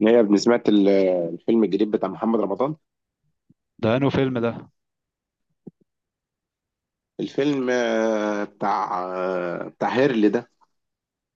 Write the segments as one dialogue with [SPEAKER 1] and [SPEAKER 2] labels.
[SPEAKER 1] نيا سمعت الفيلم الجديد بتاع محمد رمضان.
[SPEAKER 2] ده انه فيلم ده.
[SPEAKER 1] الفيلم بتاع بتاع هيرلي ده.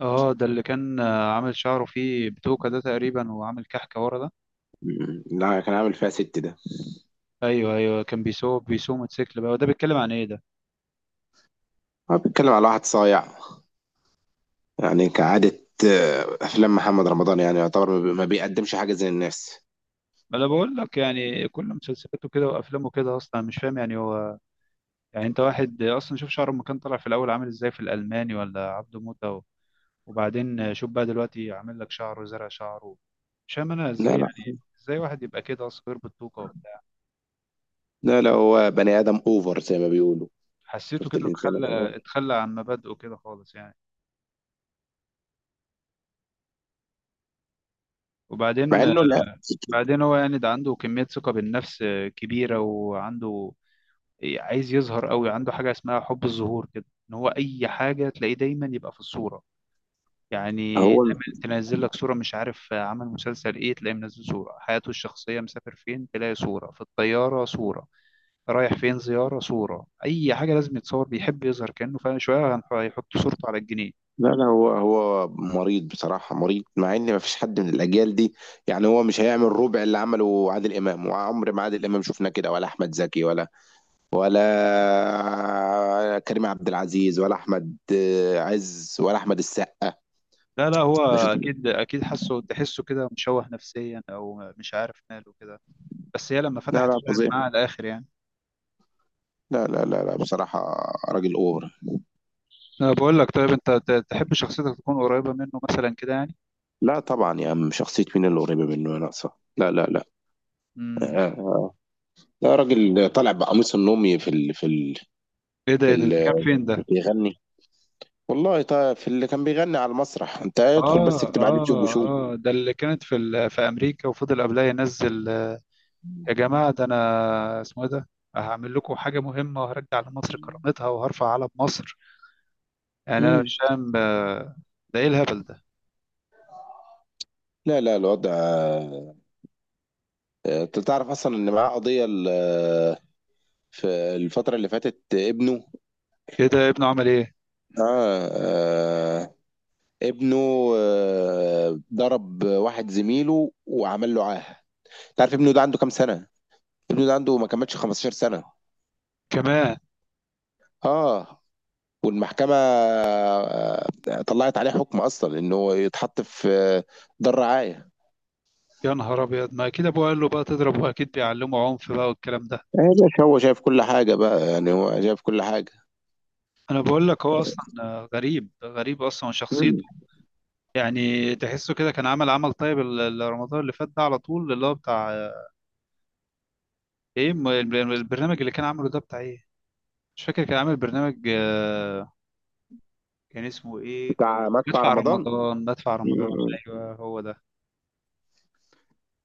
[SPEAKER 2] اه ده اللي كان عامل شعره فيه بتوكة ده تقريبا، وعامل كحكة ورا ده.
[SPEAKER 1] لا، كان عامل فيها ست ده.
[SPEAKER 2] ايوه ايوه، كان بيسوق موتوسيكل بقى، وده بيتكلم عن ايه ده؟
[SPEAKER 1] هو بيتكلم على واحد صايع يعني كعادة. أفلام محمد رمضان يعني يعتبر ما بيقدمش حاجة زي الناس.
[SPEAKER 2] ما انا بقول لك يعني كل مسلسلاته كده وافلامه كده، اصلا مش فاهم يعني هو. يعني انت واحد اصلا شوف شعره لما كان طالع في الاول عامل ازاي في الالماني ولا عبده موتة وبعدين شوف بقى دلوقتي عامل لك شعره، زرع شعره. مش فاهم انا ازاي
[SPEAKER 1] لا لا.
[SPEAKER 2] يعني. ازاي واحد يبقى كده اصلا غير بالتوكة وبتاع.
[SPEAKER 1] لا هو بني آدم أوفر زي ما بيقولوا.
[SPEAKER 2] حسيته
[SPEAKER 1] شفت
[SPEAKER 2] كده
[SPEAKER 1] الإنسان
[SPEAKER 2] اتخلى
[SPEAKER 1] الأوفر؟
[SPEAKER 2] اتخلى عن مبادئه كده خالص يعني. وبعدين،
[SPEAKER 1] مع إنه لا.
[SPEAKER 2] بعدين هو يعني ده عنده كمية ثقة بالنفس كبيرة، وعنده عايز يظهر قوي، عنده حاجة اسمها حب الظهور كده، ان هو اي حاجة تلاقيه دايما يبقى في الصورة يعني.
[SPEAKER 1] هو
[SPEAKER 2] دايما تنزل لك صورة مش عارف، عمل مسلسل ايه تلاقيه منزل صورة، حياته الشخصية مسافر فين تلاقي صورة، في الطيارة صورة، رايح فين زيارة صورة، اي حاجة لازم يتصور، بيحب يظهر كأنه فعلا شوية، هيحط صورته على الجنيه.
[SPEAKER 1] لا، هو مريض، بصراحة مريض، مع ان مفيش حد من الاجيال دي. يعني هو مش هيعمل ربع اللي عمله عادل امام، وعمر ما عادل امام شفنا كده، ولا احمد زكي، ولا كريم عبد العزيز، ولا احمد عز، ولا احمد السقا.
[SPEAKER 2] لا لا، هو
[SPEAKER 1] مش هتقول-
[SPEAKER 2] اكيد اكيد حاسه، تحسه كده مشوه نفسيا او مش عارف ماله كده. بس هي لما
[SPEAKER 1] لا
[SPEAKER 2] فتحت
[SPEAKER 1] لا،
[SPEAKER 2] فتحت
[SPEAKER 1] فظيع.
[SPEAKER 2] معاه على الاخر يعني.
[SPEAKER 1] لا لا لا لا، بصراحة. راجل اوفر.
[SPEAKER 2] انا بقول لك طيب انت تحب شخصيتك تكون قريبه منه مثلا كده يعني؟
[SPEAKER 1] لا طبعا يا عم، شخصية مين اللي قريبة منه يا ناقصة؟ لا لا لا. آه،
[SPEAKER 2] امم
[SPEAKER 1] آه. لا، راجل طالع بقميص النومي في ال في ال
[SPEAKER 2] ايه ده؟
[SPEAKER 1] في
[SPEAKER 2] ايه ده؟ ده
[SPEAKER 1] ال
[SPEAKER 2] كان فين ده؟
[SPEAKER 1] بيغني. والله طيب في اللي كان بيغني على المسرح، انت ادخل بس
[SPEAKER 2] اه
[SPEAKER 1] اكتب على اليوتيوب
[SPEAKER 2] اه.
[SPEAKER 1] وشوف.
[SPEAKER 2] اه ده اللي كانت في في امريكا، وفضل قبلها ينزل يا جماعه ده انا اسمه ايه ده، هعمل لكم حاجه مهمه وهرجع لمصر كرامتها وهرفع علم مصر. يعني انا
[SPEAKER 1] امم
[SPEAKER 2] مش فاهم، ده ايه الهبل ده؟
[SPEAKER 1] لا لا، الوضع انت تعرف اصلا ان معاه قضية في الفترة اللي فاتت ابنه.
[SPEAKER 2] ايه ده؟ ابنه عمل ايه؟
[SPEAKER 1] آه آه ابنه ضرب واحد زميله وعمل له عاهة. تعرف ابنه ده عنده كام سنة؟ ابنه ده عنده ما كملش 15 سنة.
[SPEAKER 2] كمان؟
[SPEAKER 1] اه، والمحكمة طلعت عليه حكم اصلا انه يتحط في دار رعاية.
[SPEAKER 2] يا نهار ابيض، ما اكيد ابوه قال له بقى تضرب، واكيد بيعلمه عنف بقى والكلام ده.
[SPEAKER 1] يا باشا هو شايف كل حاجة بقى، يعني هو شايف كل حاجة.
[SPEAKER 2] انا بقول لك هو اصلا غريب، غريب اصلا شخصيته.
[SPEAKER 1] مم.
[SPEAKER 2] يعني تحسه كده كان عمل طيب رمضان اللي فات ده على طول، اللي هو بتاع ايه، البرنامج اللي كان عامله ده بتاع ايه؟ مش فاكر، كان عامل برنامج كان اسمه ايه،
[SPEAKER 1] بتاع مدفع
[SPEAKER 2] مدفع
[SPEAKER 1] رمضان.
[SPEAKER 2] رمضان، مدفع رمضان.
[SPEAKER 1] مم.
[SPEAKER 2] ايوه هو ده.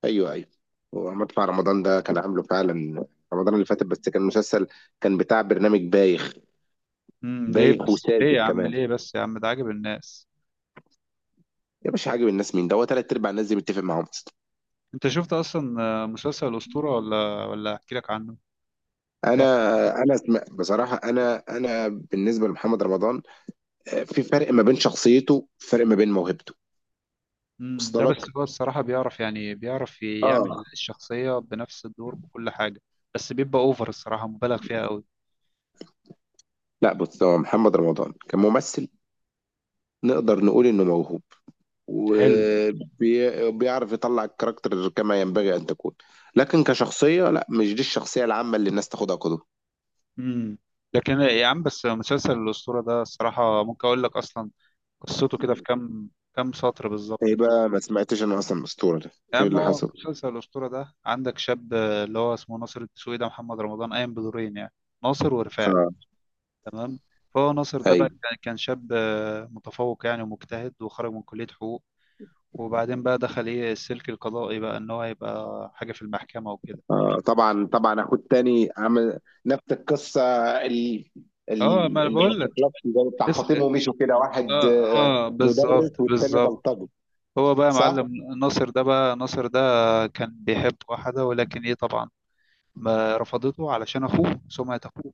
[SPEAKER 1] أيوه أيوه، هو مدفع رمضان ده كان عامله فعلا رمضان اللي فات، بس كان مسلسل، كان بتاع برنامج بايخ.
[SPEAKER 2] امم، ليه
[SPEAKER 1] بايخ
[SPEAKER 2] بس؟ ليه
[SPEAKER 1] وساذج
[SPEAKER 2] يا عم؟
[SPEAKER 1] كمان.
[SPEAKER 2] ليه بس يا عم ده عاجب الناس؟
[SPEAKER 1] يا باشا، عاجب الناس مين ده؟ هو تلات أرباع الناس دي متفق معاهم أصلا.
[SPEAKER 2] انت شفت اصلا مسلسل الاسطوره، ولا ولا احكي لك عنه؟
[SPEAKER 1] أنا
[SPEAKER 2] بتاع،
[SPEAKER 1] بصراحة، أنا بالنسبة لمحمد رمضان في فرق ما بين شخصيته، فرق ما بين موهبته.
[SPEAKER 2] امم، ده
[SPEAKER 1] وصل لك؟
[SPEAKER 2] بس هو الصراحة بيعرف يعني، بيعرف يعمل
[SPEAKER 1] آه.
[SPEAKER 2] الشخصية بنفس الدور بكل حاجة. بس بيبقى اوفر، الصراحة مبالغ فيها قوي.
[SPEAKER 1] لا بص، هو محمد رمضان كممثل نقدر نقول إنه موهوب،
[SPEAKER 2] حلو.
[SPEAKER 1] وبيعرف يطلع الكاركتر كما ينبغي أن تكون. لكن كشخصية لا، مش دي الشخصية العامة اللي الناس تاخدها قدوة.
[SPEAKER 2] امم. لكن يا عم بس مسلسل الأسطورة ده الصراحة ممكن أقول لك أصلا قصته كده في كام، كام سطر بالظبط
[SPEAKER 1] ايه
[SPEAKER 2] كده.
[SPEAKER 1] بقى، ما سمعتش انا اصلا الاسطوره ده؟
[SPEAKER 2] يا
[SPEAKER 1] ايه
[SPEAKER 2] عم
[SPEAKER 1] اللي
[SPEAKER 2] هو
[SPEAKER 1] حصل؟
[SPEAKER 2] مسلسل الأسطورة ده عندك شاب اللي هو اسمه ناصر الدسوقي، ده محمد رمضان قايم بدورين يعني، ناصر ورفاعي.
[SPEAKER 1] اه.
[SPEAKER 2] تمام. فهو ناصر ده بقى
[SPEAKER 1] ايوه.
[SPEAKER 2] كان شاب متفوق يعني ومجتهد، وخرج من كلية حقوق. وبعدين بقى دخل ايه، السلك القضائي بقى، ان هو يبقى حاجه في المحكمه وكده.
[SPEAKER 1] طبعا طبعا، اخو التاني عمل نفس القصه. ال-
[SPEAKER 2] اه ما انا
[SPEAKER 1] اللي ما
[SPEAKER 2] بقول لك.
[SPEAKER 1] بتخلصش زي بتاع
[SPEAKER 2] اس...
[SPEAKER 1] فاطمه ومشوا كده، واحد
[SPEAKER 2] اه اه، بالظبط
[SPEAKER 1] مدرس والتاني
[SPEAKER 2] بالظبط.
[SPEAKER 1] بلطجي.
[SPEAKER 2] هو بقى
[SPEAKER 1] صح؟
[SPEAKER 2] معلم. ناصر ده بقى، ناصر ده كان بيحب واحده، ولكن ايه طبعا ما رفضته علشان اخوه، سمعة اخوه.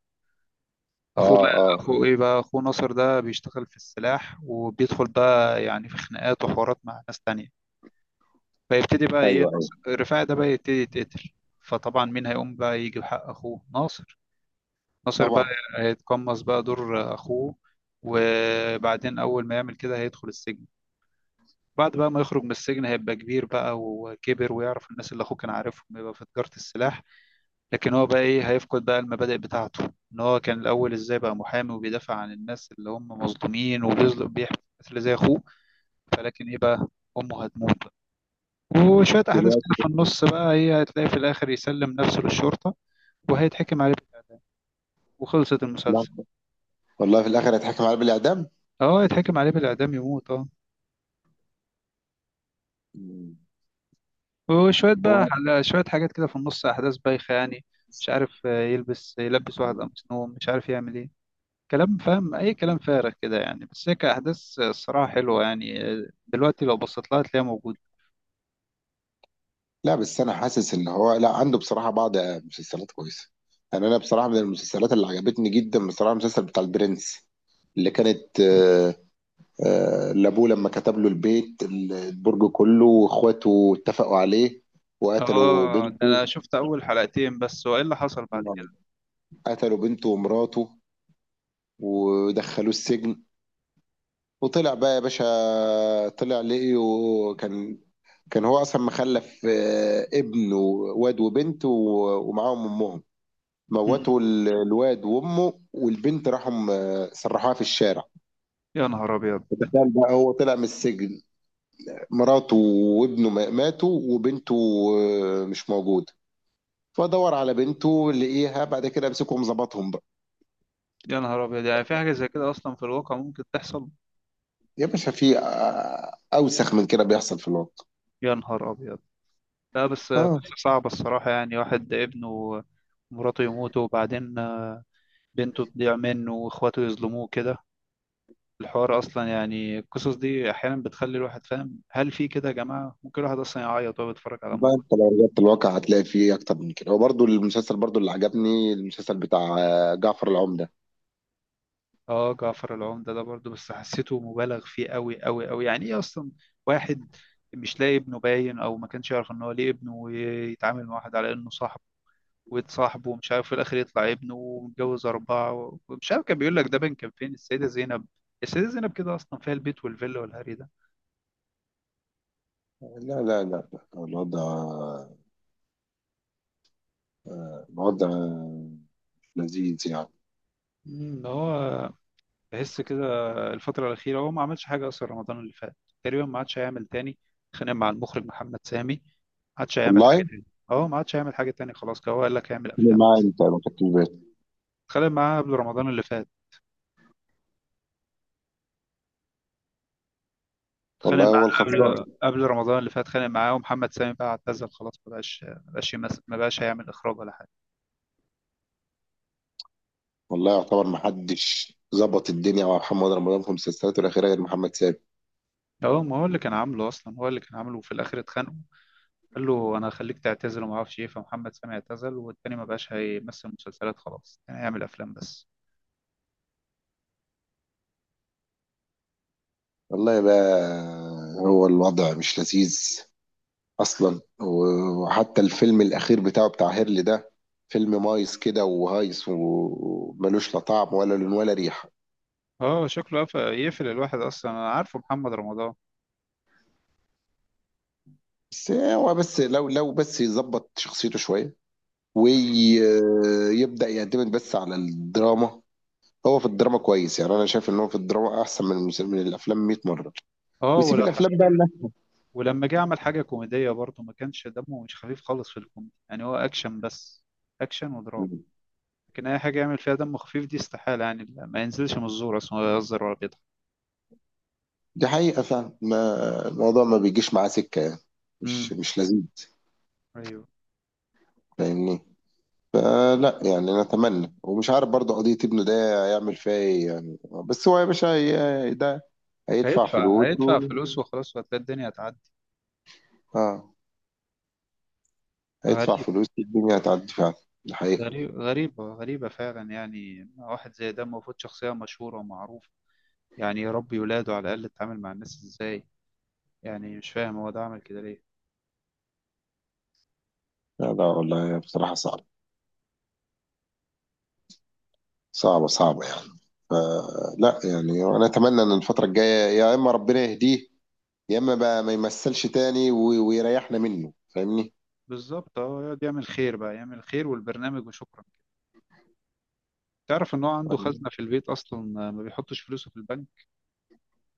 [SPEAKER 2] اخوه
[SPEAKER 1] اه
[SPEAKER 2] بقى،
[SPEAKER 1] اه.
[SPEAKER 2] اخوه ايه بقى، اخوه ناصر ده بيشتغل في السلاح، وبيدخل بقى يعني في خناقات وحوارات مع ناس تانية. فيبتدي بقى ايه
[SPEAKER 1] ايوه ايوه.
[SPEAKER 2] ناصر رفاعي ده بقى يبتدي يتقتل. فطبعا مين هيقوم بقى يجيب حق اخوه ناصر؟ ناصر بقى
[SPEAKER 1] طبعا.
[SPEAKER 2] هيتقمص بقى دور اخوه. وبعدين اول ما يعمل كده هيدخل السجن. بعد بقى ما يخرج من السجن هيبقى كبير بقى وكبر، ويعرف الناس اللي اخوه كان عارفهم، يبقى في تجارة السلاح. لكن هو بقى ايه، هيفقد بقى المبادئ بتاعته، ان هو كان الاول ازاي بقى محامي وبيدافع عن الناس اللي هم مظلومين، وبيظلم بيحمي الناس اللي زي اخوه. فلكن ايه بقى، امه هتموت بقى، وشوية احداث كده
[SPEAKER 1] دلوقتي
[SPEAKER 2] في النص بقى ايه، هتلاقي في الاخر يسلم نفسه للشرطة، وهيتحكم عليه بالإعدام. وخلصت
[SPEAKER 1] لا.
[SPEAKER 2] المسلسل.
[SPEAKER 1] والله في الاخر هيتحكم عليه بالاعدام.
[SPEAKER 2] اه يتحكم عليه بالإعدام، يموت اه.
[SPEAKER 1] مم.
[SPEAKER 2] وشوية بقى شوية حاجات كده في النص أحداث بايخة يعني، مش عارف، يلبس
[SPEAKER 1] هو
[SPEAKER 2] واحد قميص نوم، مش عارف يعمل إيه، كلام فاهم، أي كلام فارغ كده يعني. بس هي كأحداث الصراحة حلوة يعني، دلوقتي لو بصيت لها هتلاقيها موجودة.
[SPEAKER 1] لا، بس انا حاسس ان هو لا، عنده بصراحه بعض مسلسلات كويسه. يعني انا بصراحه من المسلسلات اللي عجبتني جدا بصراحه المسلسل بتاع البرنس، اللي كانت لابوه لما كتب له البيت، البرج كله، واخواته اتفقوا عليه وقتلوا
[SPEAKER 2] آه ده
[SPEAKER 1] بنته.
[SPEAKER 2] أنا شفت أول حلقتين بس، وإيه اللي حصل بعد كده؟
[SPEAKER 1] قتلوا بنته ومراته ودخلوه السجن، وطلع بقى يا باشا، طلع لقيه كان، كان هو اصلا مخلف ابن وواد وبنت ومعاهم امهم.
[SPEAKER 2] مم.
[SPEAKER 1] موتوا الواد وامه، والبنت راحوا سرحوها في الشارع.
[SPEAKER 2] يا نهار أبيض.
[SPEAKER 1] تخيل بقى، هو طلع من السجن، مراته وابنه ماتوا، وبنته مش موجوده. فدور على بنته لقيها بعد كده، مسكهم ظبطهم بقى.
[SPEAKER 2] يا نهار أبيض، يعني في حاجة زي كده أصلا في الواقع ممكن تحصل؟
[SPEAKER 1] يا باشا، في اوسخ من كده بيحصل في الواقع.
[SPEAKER 2] يا نهار أبيض. لا بس
[SPEAKER 1] اه،
[SPEAKER 2] قصة صعبة الصراحة، يعني واحد ابنه ومراته يموتوا، وبعدين بنته تضيع منه، وإخواته يظلموه كده. الحوار اصلا يعني القصص دي احيانا بتخلي الواحد فاهم هل في كده يا جماعه، ممكن الواحد اصلا يعيط وهو بيتفرج على
[SPEAKER 1] بقى
[SPEAKER 2] موقف.
[SPEAKER 1] انت لو رجعت الواقع هتلاقي فيه اكتر من كده. وبرضه المسلسل، برضه اللي عجبني المسلسل بتاع جعفر العمدة.
[SPEAKER 2] اه جعفر العمده ده برضه، بس حسيته مبالغ فيه قوي قوي قوي، يعني ايه اصلا، واحد مش لاقي ابنه باين، او ما كانش يعرف ان هو ليه ابنه، ويتعامل مع واحد على انه صاحب ويتصاحب، ومش عارف في الاخر يطلع ابنه ومتجوز اربعه، ومش عارف كان بيقول لك ده بين كان فين، السيده زينب. السيده زينب كده اصلا فيها البيت والفيلا والهري ده.
[SPEAKER 1] لا لا لا لا، الوضع، الوضع لذيذ يعني.
[SPEAKER 2] مم، هو بحس كده الفترة الأخيرة هو ما عملش حاجة أصلا، رمضان اللي فات تقريبا ما عادش هيعمل تاني. اتخانق مع المخرج محمد سامي، ما عادش هيعمل حاجة
[SPEAKER 1] والله
[SPEAKER 2] تاني. اه ما عادش هيعمل حاجة تاني، خلاص كده هو قال لك هيعمل أفلام
[SPEAKER 1] مع
[SPEAKER 2] بس.
[SPEAKER 1] انت متكبر.
[SPEAKER 2] اتخانق معاه قبل رمضان اللي فات، اتخانق
[SPEAKER 1] والله هو
[SPEAKER 2] معاه
[SPEAKER 1] الخسران.
[SPEAKER 2] قبل رمضان اللي فات، اتخانق معاه ومحمد سامي بقى اعتزل خلاص، ما بقاش يمثل، ما بقاش هيعمل إخراج ولا حاجة.
[SPEAKER 1] والله يعتبر ما حدش ظبط الدنيا مع محمد رمضان في مسلسلاته الاخيره غير محمد سامي.
[SPEAKER 2] اه ما هو اللي كان عامله أصلا، هو اللي كان عامله وفي الآخر اتخانقوا. قال له أنا هخليك تعتزل وما أعرفش إيه، فمحمد سامي اعتزل، والتاني ما بقاش هيمثل مسلسلات خلاص، كان هيعمل أفلام بس.
[SPEAKER 1] والله بقى، هو الوضع مش لذيذ اصلا. وحتى الفيلم الاخير بتاعه بتاع هيرلي ده، فيلم مايس كده وهايس وملوش لا طعم ولا لون ولا ريحه.
[SPEAKER 2] اه شكله يقفل الواحد اصلا، انا عارفه محمد رمضان.
[SPEAKER 1] بس هو، بس لو يظبط شخصيته شويه ويبدا يعتمد بس على الدراما. هو في الدراما كويس، يعني انا شايف ان هو في الدراما احسن من من الافلام 100 مره.
[SPEAKER 2] اه
[SPEAKER 1] ويسيب
[SPEAKER 2] ولا،
[SPEAKER 1] الافلام بقى لنا.
[SPEAKER 2] ولما جه عمل حاجه كوميديه برضه ما كانش دمه، مش خفيف خالص في الكوميدي يعني، هو اكشن بس، اكشن ودراما. لكن اي حاجه يعمل فيها دم خفيف دي استحاله يعني، ما ينزلش من الزور اصلا، ولا يهزر ولا بيضحك.
[SPEAKER 1] دي حقيقه فعلا، ما الموضوع ما بيجيش معاه سكه يعني.
[SPEAKER 2] امم.
[SPEAKER 1] مش لذيذ.
[SPEAKER 2] ايوه.
[SPEAKER 1] فاهمني. فلا يعني، نتمنى. ومش عارف برضه قضيه ابنه ده هيعمل فيها ايه يعني. بس هو يا باشا ده هيدفع
[SPEAKER 2] هيدفع
[SPEAKER 1] فلوس
[SPEAKER 2] هيدفع فلوس وخلاص، وهتلاقي الدنيا هتعدي.
[SPEAKER 1] اه. هيدفع
[SPEAKER 2] غريب.
[SPEAKER 1] فلوس، الدنيا هتعدي فعلا. دي حقيقه.
[SPEAKER 2] غريب، غريبه فعلا، يعني واحد زي ده المفروض شخصيه مشهوره ومعروفه، يعني يربي ولاده على الاقل، يتعامل مع الناس ازاي، يعني مش فاهم هو ده عمل كده ليه.
[SPEAKER 1] لا لا، والله بصراحه صعبه، صعبه يعني. فلا يعني، انا اتمنى ان الفتره الجايه يا اما ربنا يهديه، يا اما بقى ما يمثلش تاني ويريحنا منه. فاهمني.
[SPEAKER 2] بالظبط اه، يقعد يعمل خير بقى، يعمل خير والبرنامج وشكرا. تعرف ان هو عنده خزنة في البيت اصلا؟ ما بيحطش فلوسه في البنك.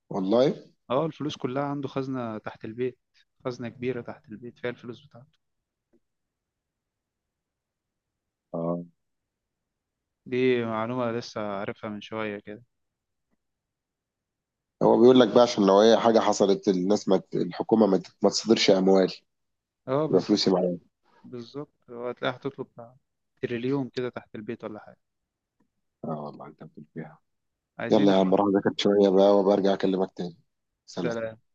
[SPEAKER 1] والله.
[SPEAKER 2] اه الفلوس كلها عنده خزنة تحت البيت، خزنة كبيرة تحت البيت فيها الفلوس بتاعته.
[SPEAKER 1] اه،
[SPEAKER 2] دي معلومة لسه عارفها من شوية كده.
[SPEAKER 1] هو بيقول لك بقى عشان لو اي حاجه حصلت الناس ما ت- الحكومه ما تصدرش اموال،
[SPEAKER 2] اه
[SPEAKER 1] يبقى فلوسي معايا.
[SPEAKER 2] بالظبط، هو هتلاقيها هتطلب بتاع تريليون كده تحت البيت ولا حاجة.
[SPEAKER 1] اه، والله انت بتقول فيها.
[SPEAKER 2] عايزين
[SPEAKER 1] يلا يا عم،
[SPEAKER 2] يحطوا.
[SPEAKER 1] راح اذاكر شويه بقى وبرجع اكلمك تاني. سلام.
[SPEAKER 2] سلام.